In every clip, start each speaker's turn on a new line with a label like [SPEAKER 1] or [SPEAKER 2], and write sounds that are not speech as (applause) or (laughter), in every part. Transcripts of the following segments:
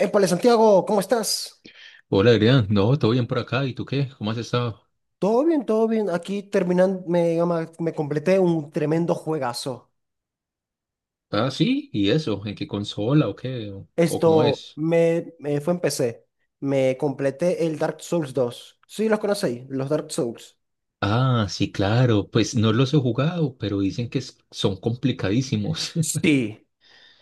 [SPEAKER 1] Épale, Santiago, ¿cómo estás?
[SPEAKER 2] Hola, Adrián. No, todo bien por acá. ¿Y tú qué? ¿Cómo has estado?
[SPEAKER 1] Todo bien, todo bien. Aquí terminando, me completé un tremendo juegazo.
[SPEAKER 2] Ah, sí. ¿Y eso? ¿En qué consola o qué? ¿O cómo
[SPEAKER 1] Esto
[SPEAKER 2] es?
[SPEAKER 1] me fue en PC. Me completé el Dark Souls dos. Sí, los conocéis, los Dark Souls.
[SPEAKER 2] Ah, sí, claro. Pues no los he jugado, pero dicen que son complicadísimos, (laughs)
[SPEAKER 1] Sí.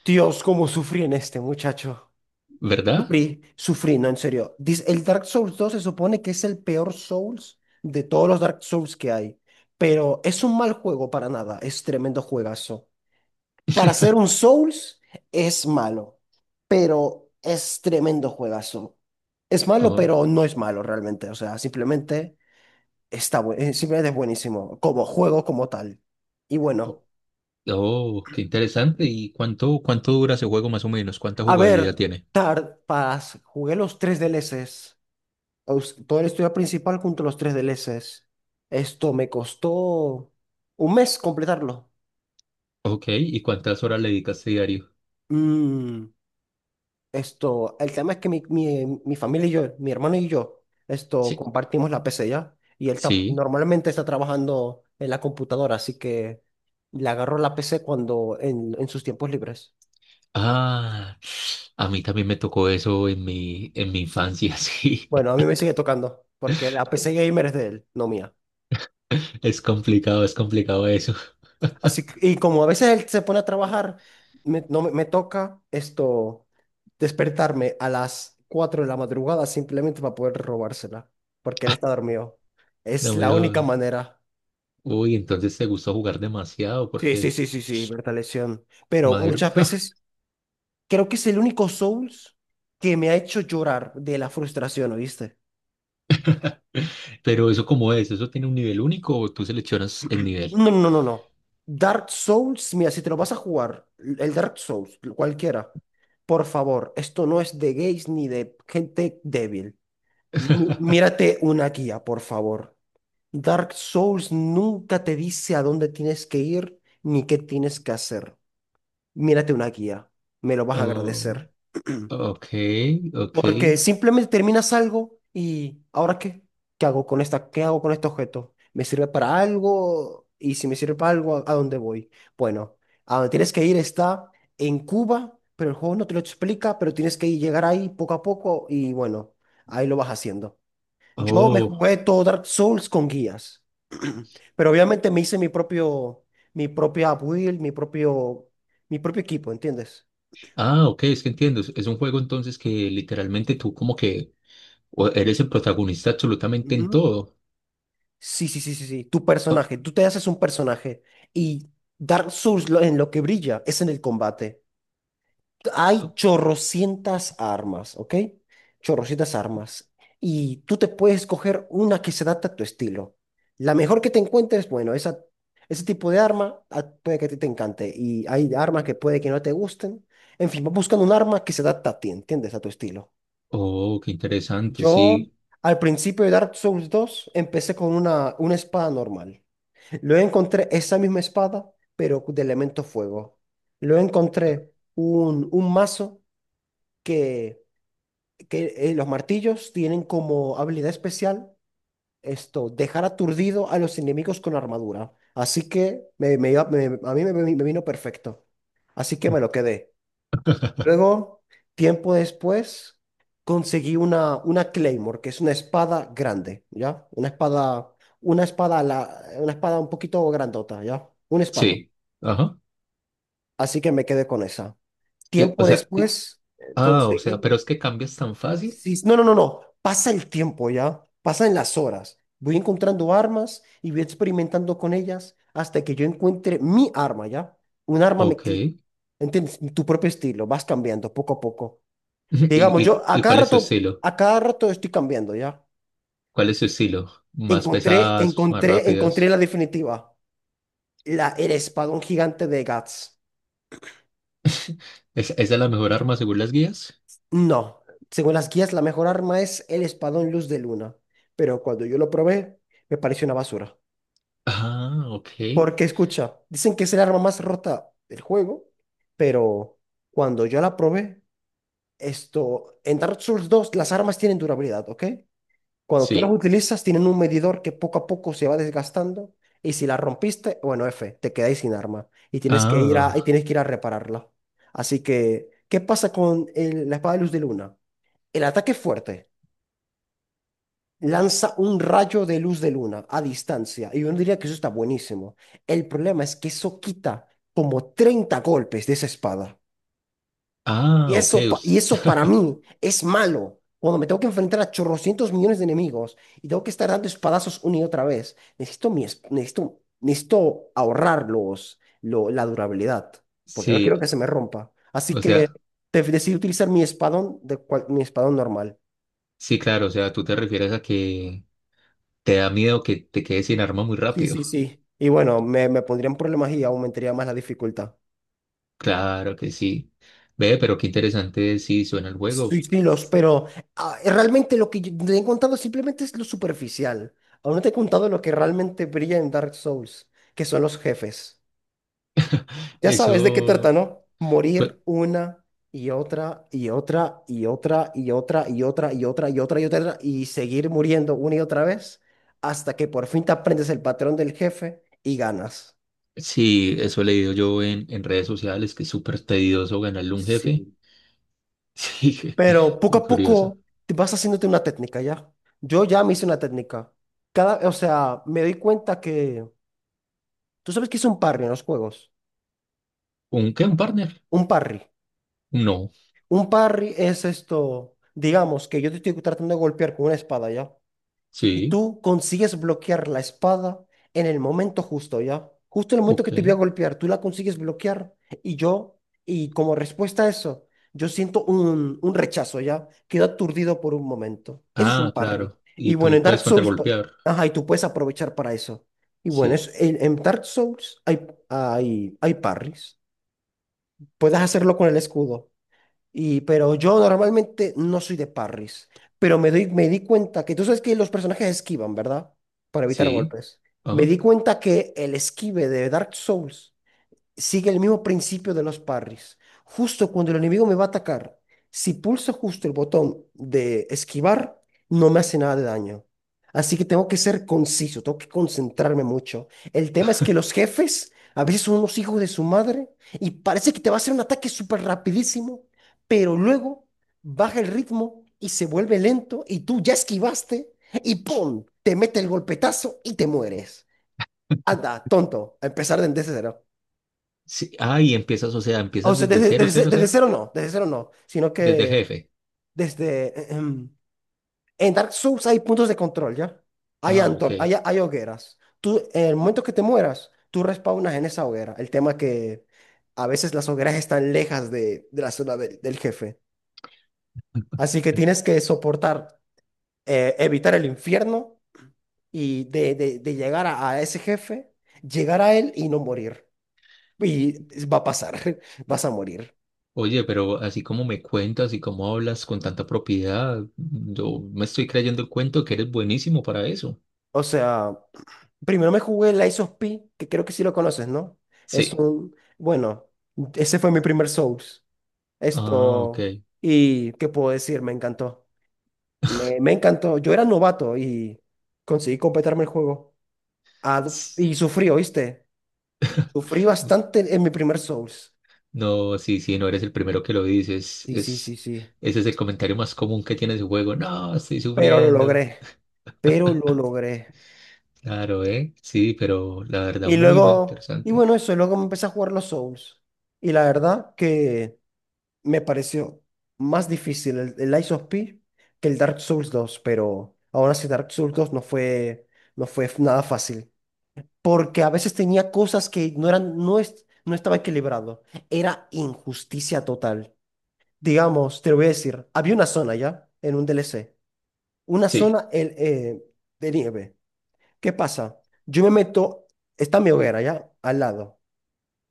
[SPEAKER 1] Dios, cómo sufrí en este, muchacho.
[SPEAKER 2] ¿verdad?
[SPEAKER 1] Sufrí, sufrí, no, en serio. Dice, el Dark Souls dos se supone que es el peor Souls de todos los Dark Souls que hay. Pero es un mal juego para nada. Es tremendo juegazo. Para hacer un Souls es malo, pero es tremendo juegazo. Es malo,
[SPEAKER 2] Oh,
[SPEAKER 1] pero no es malo realmente. O sea, simplemente es buenísimo como juego como tal. Y
[SPEAKER 2] oh,
[SPEAKER 1] bueno,
[SPEAKER 2] oh, qué interesante. ¿Y cuánto dura ese juego más o menos? ¿Cuánta
[SPEAKER 1] a
[SPEAKER 2] jugabilidad
[SPEAKER 1] ver,
[SPEAKER 2] tiene?
[SPEAKER 1] Tard Pass, jugué los tres DLCs. Todo el estudio principal junto a los tres DLCs. Esto me costó un mes completarlo.
[SPEAKER 2] Ok, ¿y cuántas horas le dedicas diario?
[SPEAKER 1] Mm. Esto, el tema es que mi familia y yo, mi hermano y yo, esto,
[SPEAKER 2] Sí,
[SPEAKER 1] compartimos la PC ya. Y él
[SPEAKER 2] sí.
[SPEAKER 1] normalmente está trabajando en la computadora, así que le agarro la PC cuando, en sus tiempos libres.
[SPEAKER 2] Ah, a mí también me tocó eso en mi infancia, (laughs) sí.
[SPEAKER 1] Bueno, a mí me sigue tocando, porque la PC gamer es de él, no mía.
[SPEAKER 2] Es complicado eso.
[SPEAKER 1] Así que, y como a veces él se pone a trabajar, me, no, me me toca esto, despertarme a las 4 de la madrugada simplemente para poder robársela, porque él está dormido. Es
[SPEAKER 2] No me
[SPEAKER 1] la única
[SPEAKER 2] jodas.
[SPEAKER 1] manera.
[SPEAKER 2] Uy, entonces te gusta jugar demasiado
[SPEAKER 1] Sí, sí,
[SPEAKER 2] porque,
[SPEAKER 1] sí, sí, sí, Berta Lesión. Pero
[SPEAKER 2] madre,
[SPEAKER 1] muchas
[SPEAKER 2] (laughs)
[SPEAKER 1] veces creo que es el único Souls que me ha hecho llorar de la frustración, ¿oíste?
[SPEAKER 2] pero eso cómo es, ¿eso tiene un nivel único o tú seleccionas el nivel?
[SPEAKER 1] No, no, no, no. Dark Souls, mira, si te lo vas a jugar, el Dark Souls, cualquiera, por favor, esto no es de gays ni de gente débil.
[SPEAKER 2] (laughs)
[SPEAKER 1] Mírate una guía, por favor. Dark Souls nunca te dice a dónde tienes que ir ni qué tienes que hacer. Mírate una guía, me lo vas a
[SPEAKER 2] Oh,
[SPEAKER 1] agradecer.
[SPEAKER 2] ok, ok.
[SPEAKER 1] Porque simplemente terminas algo y ¿ahora qué? ¿Qué hago con esta? ¿Qué hago con este objeto? ¿Me sirve para algo? Y si me sirve para algo, a dónde voy? Bueno, a donde tienes que ir está en Cuba, pero el juego no te lo explica, pero tienes que llegar ahí poco a poco y bueno, ahí lo vas haciendo. Yo me
[SPEAKER 2] Oh,
[SPEAKER 1] jugué todo Dark Souls con guías, (clears throat) pero obviamente me hice mi propia build, mi propio equipo, ¿entiendes?
[SPEAKER 2] ah, ok, es que entiendo. Es un juego entonces que literalmente tú como que eres el protagonista absolutamente en todo.
[SPEAKER 1] Sí, sí, sí, sí, sí. Tu
[SPEAKER 2] Oh,
[SPEAKER 1] personaje, tú te haces un personaje y Dark Souls en lo que brilla es en el combate. Hay
[SPEAKER 2] oh,
[SPEAKER 1] chorrocientas armas, ¿ok? Chorrocientas armas. Y tú te puedes coger una que se adapte a tu estilo. La mejor que te encuentres, bueno, esa, ese tipo de arma puede que a ti te encante. Y hay armas que puede que no te gusten. En fin, vas buscando un arma que se adapta a ti, ¿entiendes? A tu estilo.
[SPEAKER 2] oh, qué interesante,
[SPEAKER 1] Yo,
[SPEAKER 2] sí.
[SPEAKER 1] al principio de Dark Souls dos empecé con una espada normal. Luego encontré esa misma espada, pero de elemento fuego. Luego encontré un mazo que, que los martillos tienen como habilidad especial esto, dejar aturdido a los enemigos con armadura. Así que me iba- me- a mí me, me vino perfecto. Así que me lo quedé. Luego, tiempo después, conseguí una Claymore, que es una espada grande, ¿ya? Una espada un poquito grandota, ¿ya? Un espadón.
[SPEAKER 2] Sí, ajá.
[SPEAKER 1] Así que me quedé con esa.
[SPEAKER 2] Eh, O
[SPEAKER 1] Tiempo
[SPEAKER 2] sea, eh,
[SPEAKER 1] después
[SPEAKER 2] o sea,
[SPEAKER 1] conseguí.
[SPEAKER 2] pero es que cambias tan fácil.
[SPEAKER 1] Sí, no, no, no, no. Pasa el tiempo ya. Pasan las horas. Voy encontrando armas y voy experimentando con ellas hasta que yo encuentre mi arma ya. Un arma me
[SPEAKER 2] Ok.
[SPEAKER 1] que. ¿Entiendes? Tu propio estilo. Vas cambiando poco a poco.
[SPEAKER 2] (laughs)
[SPEAKER 1] Digamos, yo
[SPEAKER 2] Y cuál es tu estilo?
[SPEAKER 1] a cada rato estoy cambiando ya.
[SPEAKER 2] ¿Cuál es su estilo? ¿Más
[SPEAKER 1] Encontré,
[SPEAKER 2] pesadas, más
[SPEAKER 1] encontré, encontré
[SPEAKER 2] rápidas?
[SPEAKER 1] la definitiva. El espadón gigante de Guts.
[SPEAKER 2] Esa es la mejor arma según las guías?
[SPEAKER 1] No, según las guías, la mejor arma es el espadón luz de luna, pero cuando yo lo probé, me pareció una basura.
[SPEAKER 2] Ah, ok.
[SPEAKER 1] Porque escucha, dicen que es el arma más rota del juego, pero cuando yo la probé, esto, en Dark Souls dos las armas tienen durabilidad, ¿ok? Cuando tú las
[SPEAKER 2] Sí.
[SPEAKER 1] utilizas, tienen un medidor que poco a poco se va desgastando, y si la rompiste, bueno, F, te quedáis sin arma y tienes que ir a, y
[SPEAKER 2] Ah,
[SPEAKER 1] tienes que ir a repararla. Así que, ¿qué pasa con la espada de luz de luna? El ataque es fuerte. Lanza un rayo de luz de luna a distancia. Y yo no diría que eso está buenísimo. El problema es que eso quita como 30 golpes de esa espada. Y
[SPEAKER 2] ah, ok.
[SPEAKER 1] eso, pa- y eso para
[SPEAKER 2] (laughs)
[SPEAKER 1] mí es malo. Cuando me tengo que enfrentar a chorrocientos millones de enemigos y tengo que estar dando espadazos una y otra vez, necesito, necesito, necesito ahorrar la durabilidad, porque no quiero que
[SPEAKER 2] Sí,
[SPEAKER 1] se me rompa. Así
[SPEAKER 2] o
[SPEAKER 1] que
[SPEAKER 2] sea,
[SPEAKER 1] decidí utilizar mi espadón, mi espadón normal.
[SPEAKER 2] sí, claro, o sea, tú te refieres a que te da miedo que te quedes sin arma muy
[SPEAKER 1] Sí, sí,
[SPEAKER 2] rápido. (laughs)
[SPEAKER 1] sí. Y bueno, me pondría en problemas y aumentaría más la dificultad.
[SPEAKER 2] Claro que sí. Ve, pero qué interesante sí suena el juego.
[SPEAKER 1] Sí, sí, los, pero realmente lo que yo te he contado simplemente es lo superficial. Aún no te he contado lo que realmente brilla en Dark Souls, que son los jefes. Ya sabes de qué trata,
[SPEAKER 2] Eso,
[SPEAKER 1] ¿no?
[SPEAKER 2] pues,
[SPEAKER 1] Morir una y otra y otra y otra y otra y otra y otra y otra y otra y seguir muriendo una y otra vez hasta que por fin te aprendes el patrón del jefe y ganas.
[SPEAKER 2] sí, eso he leído yo en redes sociales, que es súper tedioso ganarle a un jefe.
[SPEAKER 1] Sí.
[SPEAKER 2] (laughs) Sí,
[SPEAKER 1] Pero poco
[SPEAKER 2] muy
[SPEAKER 1] a
[SPEAKER 2] curioso.
[SPEAKER 1] poco te vas haciéndote una técnica, ¿ya? Yo ya me hice una técnica. Cada, o sea, me doy cuenta que... ¿Tú sabes qué es un parry en los juegos?
[SPEAKER 2] ¿Un qué? ¿Un partner?
[SPEAKER 1] Un parry.
[SPEAKER 2] No.
[SPEAKER 1] Un parry es esto, digamos, que yo te estoy tratando de golpear con una espada, ¿ya? Y
[SPEAKER 2] Sí.
[SPEAKER 1] tú consigues bloquear la espada en el momento justo, ¿ya? Justo en el momento que
[SPEAKER 2] Ok.
[SPEAKER 1] te voy a golpear, tú la consigues bloquear. Y yo, y como respuesta a eso, yo siento un rechazo, ¿ya? Quedo aturdido por un momento. Eso es un
[SPEAKER 2] Ah,
[SPEAKER 1] parry.
[SPEAKER 2] claro.
[SPEAKER 1] Y
[SPEAKER 2] Y
[SPEAKER 1] bueno,
[SPEAKER 2] tú
[SPEAKER 1] en Dark
[SPEAKER 2] puedes
[SPEAKER 1] Souls,
[SPEAKER 2] contragolpear.
[SPEAKER 1] ajá, y tú puedes aprovechar para eso. Y bueno,
[SPEAKER 2] Sí.
[SPEAKER 1] en Dark Souls hay parries. Puedes hacerlo con el escudo. Y, pero yo normalmente no soy de parries, pero me di cuenta que tú sabes que los personajes esquivan, ¿verdad? Para evitar
[SPEAKER 2] Sí.
[SPEAKER 1] golpes. Me
[SPEAKER 2] Ah,
[SPEAKER 1] di cuenta que el esquive de Dark Souls sigue el mismo principio de los parries. Justo cuando el enemigo me va a atacar, si pulso justo el botón de esquivar, no me hace nada de daño. Así que tengo que ser conciso, tengo que concentrarme mucho. El tema es que los jefes a veces son unos hijos de su madre y parece que te va a hacer un ataque súper rapidísimo, pero luego baja el ritmo y se vuelve lento y tú ya esquivaste y ¡pum! Te mete el golpetazo y te mueres. Anda, tonto, a empezar desde cero.
[SPEAKER 2] sí. Ah, y empiezas, o sea,
[SPEAKER 1] O
[SPEAKER 2] empiezas
[SPEAKER 1] sea,
[SPEAKER 2] desde cero, cero, cero.
[SPEAKER 1] desde cero no, sino
[SPEAKER 2] Desde
[SPEAKER 1] que
[SPEAKER 2] jefe.
[SPEAKER 1] desde... eh, em, en Dark Souls hay puntos de control, ¿ya? Hay
[SPEAKER 2] Ah, ok.
[SPEAKER 1] Antor, hay hogueras. Tú, en el momento que te mueras, tú respawnas en esa hoguera. El tema es que a veces las hogueras están lejas de la zona del jefe. Así que tienes que soportar, evitar el infierno y de llegar a ese jefe, llegar a él y no morir. Y va a pasar, (laughs) vas a morir.
[SPEAKER 2] Oye, pero así como me cuentas y como hablas con tanta propiedad, yo me estoy creyendo el cuento que eres buenísimo para eso.
[SPEAKER 1] O sea... Primero me jugué el Lies of P, que creo que sí lo conoces, ¿no? Es
[SPEAKER 2] Sí.
[SPEAKER 1] un, bueno, ese fue mi primer Souls.
[SPEAKER 2] Ah, ok.
[SPEAKER 1] Esto, y qué puedo decir, me encantó. Me encantó. Yo era novato y conseguí completarme el juego. Ah,
[SPEAKER 2] S-
[SPEAKER 1] y sufrí, ¿oíste? Sufrí bastante en mi primer Souls.
[SPEAKER 2] No, sí, sí, no eres el primero que lo dices.
[SPEAKER 1] Sí, sí, sí, sí.
[SPEAKER 2] Ese es el comentario más común que tiene su juego. No, estoy
[SPEAKER 1] Pero lo
[SPEAKER 2] sufriendo.
[SPEAKER 1] logré. Pero lo logré.
[SPEAKER 2] Claro, ¿eh? Sí, pero la verdad,
[SPEAKER 1] Y
[SPEAKER 2] muy, muy
[SPEAKER 1] luego, y
[SPEAKER 2] interesante.
[SPEAKER 1] bueno, eso, luego me empecé a jugar los Souls. Y la verdad que me pareció más difícil el Lies of P que el Dark Souls dos pero aún así Dark Souls dos no fue, nada fácil, porque a veces tenía cosas que no eran, no es, no estaba equilibrado, era injusticia total. Digamos, te lo voy a decir, había una zona ya en un DLC, una
[SPEAKER 2] Sí,
[SPEAKER 1] zona de nieve. ¿Qué pasa? Yo me meto, está mi hoguera ya al lado.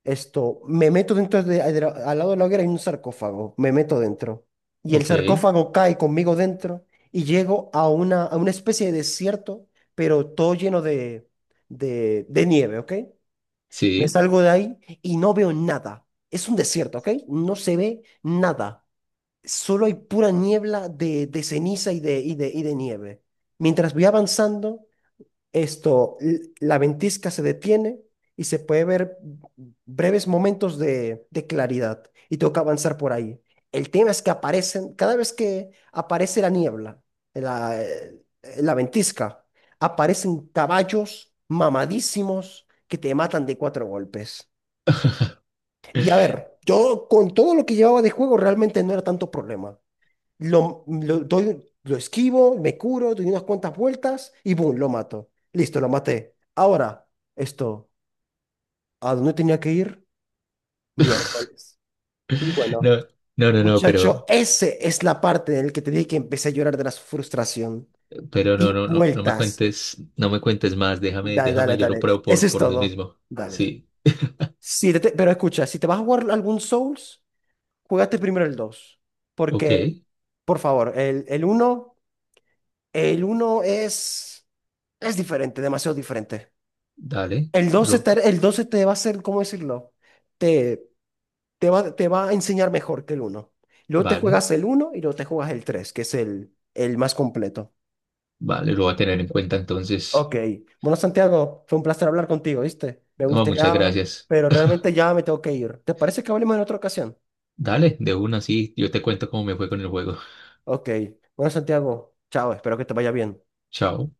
[SPEAKER 1] Esto, me meto dentro al lado de la hoguera hay un sarcófago, me meto dentro. Y el
[SPEAKER 2] ok,
[SPEAKER 1] sarcófago cae conmigo dentro y llego a una especie de desierto, pero todo lleno de nieve, ¿ok? Me
[SPEAKER 2] sí.
[SPEAKER 1] salgo de ahí y no veo nada. Es un desierto, ¿ok? No se ve nada. Solo hay pura niebla de ceniza y de nieve. Mientras voy avanzando, esto, la ventisca se detiene y se puede ver breves momentos de claridad y toca avanzar por ahí. El tema es que aparecen, cada vez que aparece la niebla, eh, la, eh, la ventisca, aparecen caballos mamadísimos que te matan de cuatro golpes. Y a
[SPEAKER 2] (laughs)
[SPEAKER 1] ver, yo con todo lo que llevaba de juego realmente no era tanto problema. Lo esquivo, me curo, doy unas cuantas vueltas y ¡boom! Lo mato. Listo, lo maté. Ahora, esto, ¿a dónde tenía que ir? Miércoles. Y bueno,
[SPEAKER 2] No, no, no, no, pero,
[SPEAKER 1] muchacho, esa es la parte en la que te dije que empecé a llorar de la frustración.
[SPEAKER 2] pero no,
[SPEAKER 1] Di
[SPEAKER 2] no me
[SPEAKER 1] vueltas.
[SPEAKER 2] cuentes, no me cuentes más. Déjame,
[SPEAKER 1] Dale, dale,
[SPEAKER 2] déjame, yo lo
[SPEAKER 1] dale.
[SPEAKER 2] pruebo
[SPEAKER 1] Eso es
[SPEAKER 2] por mí
[SPEAKER 1] todo.
[SPEAKER 2] mismo.
[SPEAKER 1] Dale, dale.
[SPEAKER 2] Sí,
[SPEAKER 1] Sí, pero escucha, si te vas a jugar algún Souls, juégate primero el dos.
[SPEAKER 2] ok,
[SPEAKER 1] Porque, por favor, el uno. El uno es... Es diferente, demasiado diferente.
[SPEAKER 2] dale,
[SPEAKER 1] El 12
[SPEAKER 2] lo,
[SPEAKER 1] te, el 12 te va a hacer, ¿cómo decirlo? Te, te va a enseñar mejor que el uno. Luego te
[SPEAKER 2] vale,
[SPEAKER 1] juegas el uno y luego te juegas el 3, que es el más completo.
[SPEAKER 2] vale, lo voy a tener en cuenta entonces.
[SPEAKER 1] Ok. Bueno, Santiago, fue un placer hablar contigo, ¿viste? Me
[SPEAKER 2] No, muchas
[SPEAKER 1] gustaría,
[SPEAKER 2] gracias.
[SPEAKER 1] pero realmente ya me tengo que ir. ¿Te parece que hablemos en otra ocasión?
[SPEAKER 2] Dale, de una, sí. Yo te cuento cómo me fue con el juego. (laughs)
[SPEAKER 1] Ok. Bueno, Santiago, chao, espero que te vaya bien.
[SPEAKER 2] Chao.